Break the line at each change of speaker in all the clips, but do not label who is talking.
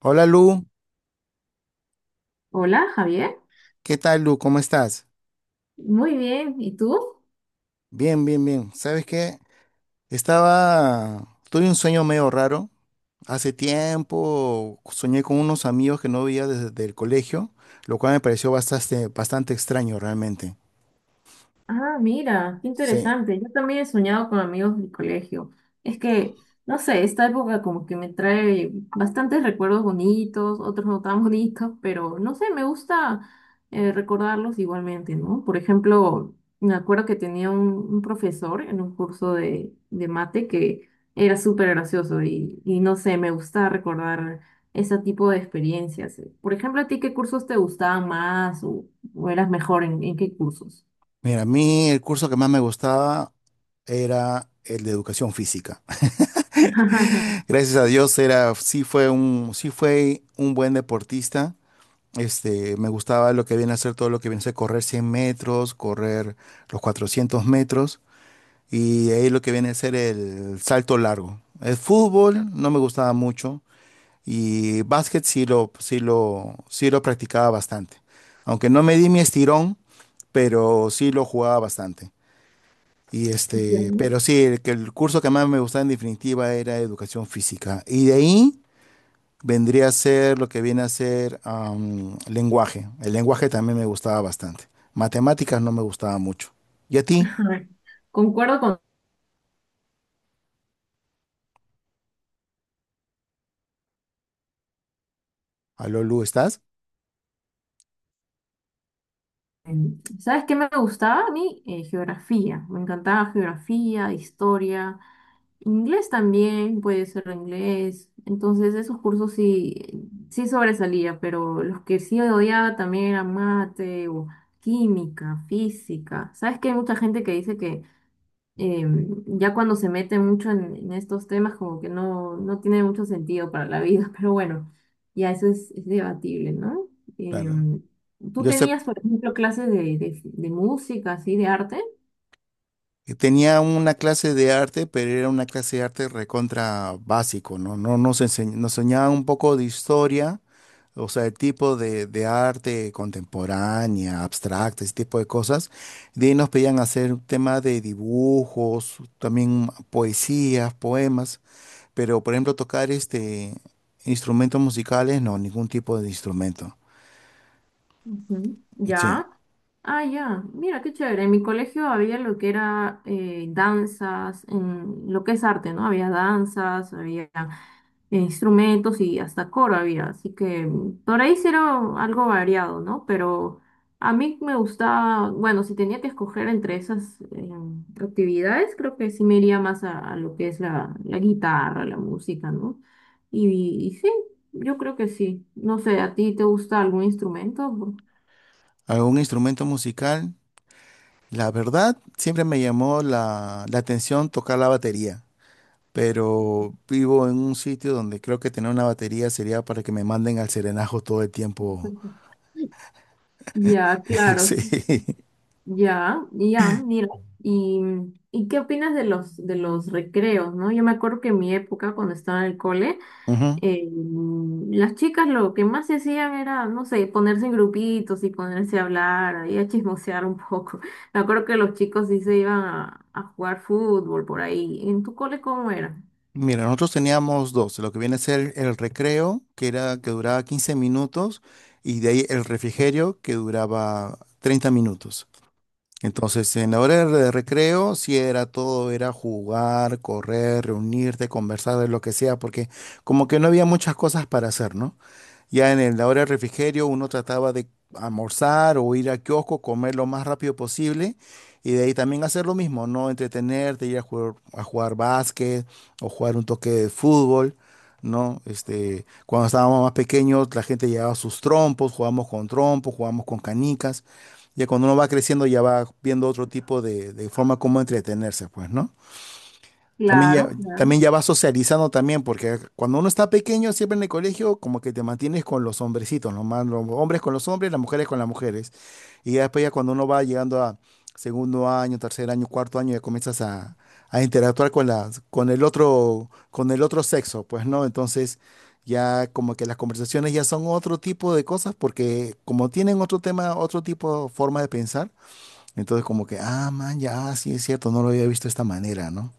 Hola Lu,
Hola, Javier.
¿qué tal Lu? ¿Cómo estás?
Muy bien. ¿Y tú?
Bien, bien, bien. ¿Sabes qué? Estaba, tuve un sueño medio raro. Hace tiempo soñé con unos amigos que no veía desde el colegio, lo cual me pareció bastante extraño realmente.
Ah, mira, qué
Sí.
interesante. Yo también he soñado con amigos del colegio. Es que, no sé, esta época como que me trae bastantes recuerdos bonitos, otros no tan bonitos, pero no sé, me gusta recordarlos igualmente, ¿no? Por ejemplo, me acuerdo que tenía un profesor en un curso de mate que era súper gracioso y no sé, me gusta recordar ese tipo de experiencias. Por ejemplo, ¿a ti qué cursos te gustaban más o eras mejor en qué cursos?
Mira, a mí el curso que más me gustaba era el de educación física. Gracias a Dios era, sí fue un buen deportista. Me gustaba lo que viene a ser todo lo que viene a ser correr 100 metros, correr los 400 metros y de ahí lo que viene a ser el salto largo. El fútbol no me gustaba mucho y básquet sí lo practicaba bastante. Aunque no me di mi estirón, pero sí lo jugaba bastante. Y
Bueno,
pero sí, el curso que más me gustaba en definitiva era educación física. Y de ahí vendría a ser lo que viene a ser lenguaje. El lenguaje también me gustaba bastante. Matemáticas no me gustaba mucho. ¿Y a ti?
a ver, concuerdo con...
Aló, Lu, ¿estás?
¿Sabes qué me gustaba a mí? Geografía. Me encantaba geografía, historia, inglés también, puede ser inglés. Entonces esos cursos sí, sí sobresalía, pero los que sí odiaba también eran mate o química, física. ¿Sabes que hay mucha gente que dice que em, ya cuando se mete mucho en estos temas, como que no, no tiene mucho sentido para la vida, pero bueno, ya eso es debatible, ¿no?
Claro.
Em, Tú
Yo sé
tenías, por ejemplo, clases de música, así, de arte.
que tenía una clase de arte, pero era una clase de arte recontra básico, ¿no? Nos enseñaban un poco de historia, o sea, el tipo de arte contemporánea, abstracta, ese tipo de cosas. De ahí nos pedían hacer un tema de dibujos, también poesías, poemas. Pero, por ejemplo, tocar instrumentos musicales, no, ningún tipo de instrumento.
Ujú.
Sí,
Ya. Ah, ya. Mira, qué chévere. En mi colegio había lo que era danzas, en lo que es arte, ¿no? Había danzas, había instrumentos y hasta coro había, así que mm, por ahí sí era algo variado, ¿no? Pero a mí me gustaba, bueno, si tenía que escoger entre esas actividades, creo que sí me iría más a lo que es la guitarra, la música, ¿no? Y sí, yo creo que sí. No sé, ¿a ti te gusta algún instrumento?
algún instrumento musical. La verdad, siempre me llamó la atención tocar la batería, pero vivo en un sitio donde creo que tener una batería sería para que me manden al serenajo todo el tiempo.
Ya, claro,
Sí.
ya, ya, mira, y, ¿y qué opinas de los recreos, no? Yo me acuerdo que en mi época, cuando estaba en el cole,
Ujú.
eh, las chicas lo que más se hacían era, no sé, ponerse en grupitos y ponerse a hablar, ahí a chismosear un poco. Me acuerdo que los chicos sí se iban a jugar fútbol por ahí. ¿En tu cole cómo era?
Mira, nosotros teníamos dos, lo que viene a ser el recreo, que duraba 15 minutos, y de ahí el refrigerio, que duraba 30 minutos. Entonces, en la hora de recreo, sí era todo, era jugar, correr, reunirte, conversar de lo que sea, porque como que no había muchas cosas para hacer, ¿no? Ya en la hora del refrigerio uno trataba de almorzar o ir al kiosco, comer lo más rápido posible y de ahí también hacer lo mismo, ¿no? Entretenerte, ir a jugar básquet o jugar un toque de fútbol, ¿no? Cuando estábamos más pequeños la gente llevaba sus trompos, jugábamos con canicas. Ya cuando uno va creciendo ya va viendo otro tipo de forma como entretenerse, pues, ¿no? También ya,
Claro, claro.
también ya vas socializando también, porque cuando uno está pequeño, siempre en el colegio, como que te mantienes con los hombrecitos, nomás los hombres con los hombres, las mujeres con las mujeres. Y ya después ya cuando uno va llegando a segundo año, tercer año, cuarto año, ya a interactuar con con con el otro sexo, pues, ¿no? Entonces, ya como que las conversaciones ya son otro tipo de cosas, porque como tienen otro tema, otro tipo, forma de pensar, entonces como que, ah, man, ya, sí es cierto, no lo había visto de esta manera, ¿no?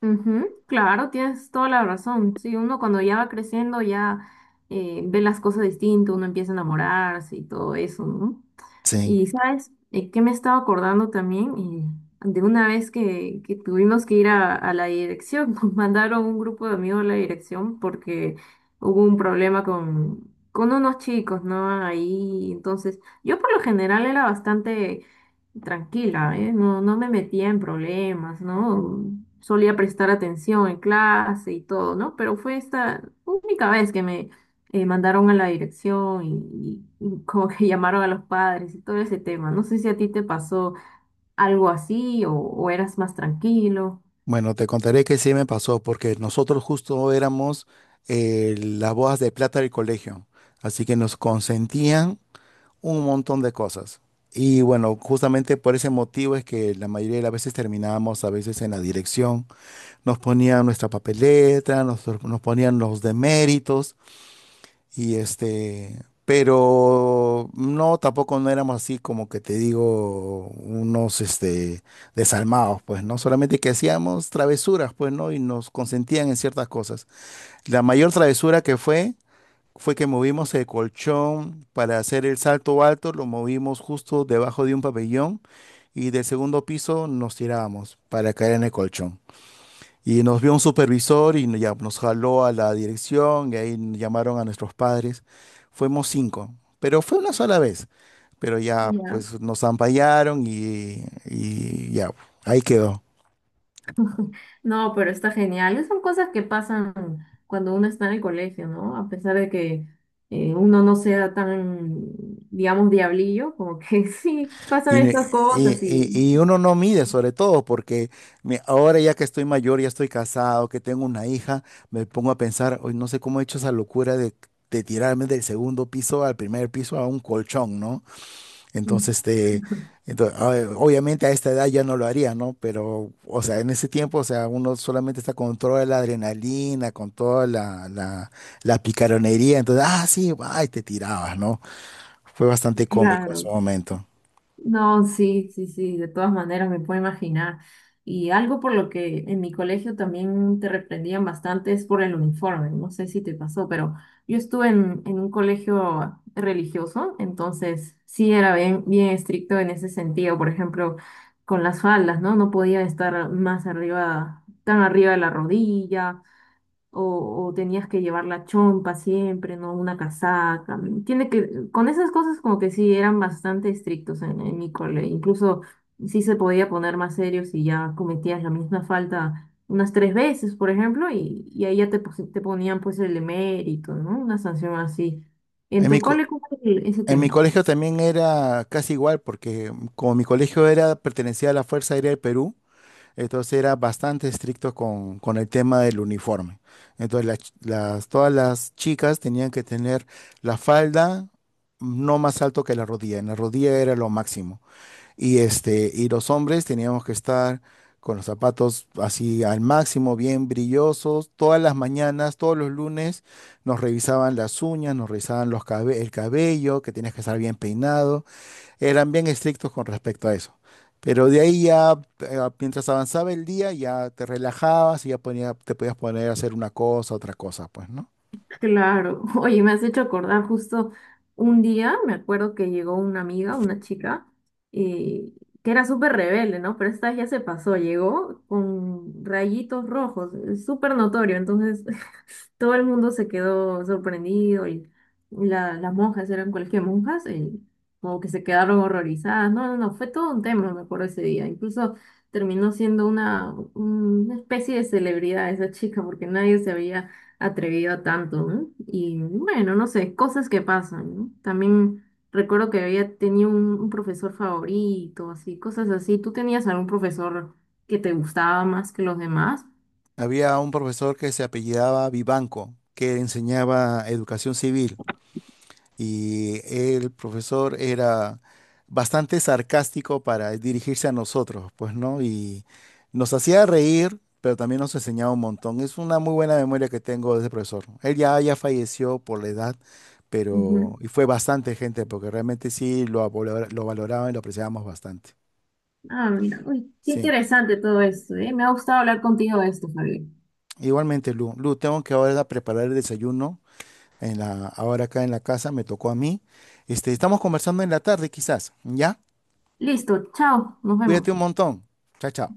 Ujú, claro, tienes toda la razón. Sí, uno cuando ya va creciendo ya ve las cosas distinto, uno empieza a enamorarse y todo eso, ¿no?
Sí.
Y sabes, eh, que me estaba acordando también, eh, de una vez que tuvimos que ir a la dirección, nos mandaron un grupo de amigos a la dirección porque hubo un problema con unos chicos, ¿no? Ahí, entonces, yo por lo general era bastante tranquila, ¿eh? No, no me metía en problemas, ¿no? Solía prestar atención en clase y todo, ¿no? Pero fue esta única vez que me mandaron a la dirección y como que llamaron a los padres y todo ese tema. No sé si a ti te pasó algo así o eras más tranquilo.
Bueno, te contaré que sí me pasó, porque nosotros justo éramos las bodas de plata del colegio, así que nos consentían un montón de cosas. Y bueno, justamente por ese motivo es que la mayoría de las veces terminábamos a veces en la dirección. Nos ponían nuestra papeleta, nos ponían los deméritos y pero no, tampoco no éramos así como que te digo, unos desalmados, pues, ¿no? Solamente que hacíamos travesuras, pues, ¿no? Y nos consentían en ciertas cosas. La mayor travesura que fue, fue que movimos el colchón para hacer el salto alto, lo movimos justo debajo de un pabellón y del segundo piso nos tirábamos para caer en el colchón. Y nos vio un supervisor y ya nos jaló a la dirección y ahí llamaron a nuestros padres. Fuimos 5, pero fue una sola vez. Pero ya pues nos ampallaron ahí quedó.
No, pero está genial. Esas son cosas que pasan cuando uno está en el colegio, ¿no? A pesar de que uno no sea tan, digamos, diablillo, como que sí, pasan
Y, ne-
estas
y-
cosas y
y uno no mide sobre todo porque ahora ya que estoy mayor, ya estoy casado, que tengo una hija, me pongo a pensar, hoy no sé cómo he hecho esa locura de tirarme del segundo piso al primer piso a un colchón, ¿no? Entonces, ah, obviamente a esta edad ya no lo haría, ¿no? Pero, o sea, uno solamente está con toda la adrenalina, con la picaronería. Entonces, ah, sí, va, y te tirabas, ¿no? Fue bastante cómico en
claro.
su momento.
No, sí, sí, sí, de todas maneras me puedo imaginar. Y algo por lo que en mi colegio también te reprendían bastante es por el uniforme. No sé si te pasó, pero yo estuve en un colegio religioso, entonces sí era bien, bien estricto en ese sentido. Por ejemplo, con las faldas, ¿no? No podía estar más arriba, tan arriba de la rodilla o tenías que llevar la chompa siempre, ¿no? Una casaca. Mm, tiene que, con esas cosas como que sí eran bastante estrictos en mi cole. Incluso sí se podía poner más serio si ya cometías la misma falta unas tres veces, por ejemplo, y ahí ya te, te ponían pues el emérito, ¿no? Una sanción así. ¿En
En
tu cole cómo es ese
en mi
tema?
colegio también era casi igual, porque como mi colegio era, pertenecía a la Fuerza Aérea del Perú, entonces era bastante estricto con el tema del uniforme. Entonces todas las chicas tenían que tener la falda no más alto que la rodilla. En la rodilla era lo máximo. Y, y los hombres teníamos que estar con los zapatos así al máximo, bien brillosos. Todas las mañanas, todos los lunes, nos revisaban las uñas, nos revisaban el cabello, que tenías que estar bien peinado. Eran bien estrictos con respecto a eso. Pero de ahí ya, mientras avanzaba el día, ya te relajabas y ya te podías poner a hacer una cosa, otra cosa, pues, ¿no?
Claro, oye, me has hecho acordar justo un día, me acuerdo que llegó una amiga, una chica, y que era súper rebelde, ¿no? Pero esta vez ya se pasó, llegó con rayitos rojos, es súper notorio, entonces todo el mundo se quedó sorprendido y las monjas eran cualquier monjas, y como que se quedaron horrorizadas, no, no, no, fue todo un tema, me acuerdo ese día, incluso terminó siendo una especie de celebridad esa chica porque nadie se había atrevido a tanto, ¿no? Y bueno, no sé, cosas que pasan, ¿no? También recuerdo que había tenido un profesor favorito, así, cosas así. ¿Tú tenías algún profesor que te gustaba más que los demás?
Había un profesor que se apellidaba Vivanco, que enseñaba educación civil. Y el profesor era bastante sarcástico para dirigirse a nosotros, pues, ¿no? Y nos hacía reír, pero también nos enseñaba un montón. Es una muy buena memoria que tengo de ese profesor. Él ya falleció por la edad,
Ujú.
pero y fue bastante gente, porque realmente sí lo, lo valoraban y lo apreciábamos bastante.
Ah, mira, uy, qué
Sí.
interesante todo esto, ¿eh? Me ha gustado hablar contigo de esto, Javier.
Igualmente, Lu. Lu, tengo que ahora preparar el desayuno. Ahora acá en la casa me tocó a mí. Estamos conversando en la tarde, quizás, ¿ya?
Listo, chao, nos vemos.
Cuídate un montón. Chao, chao.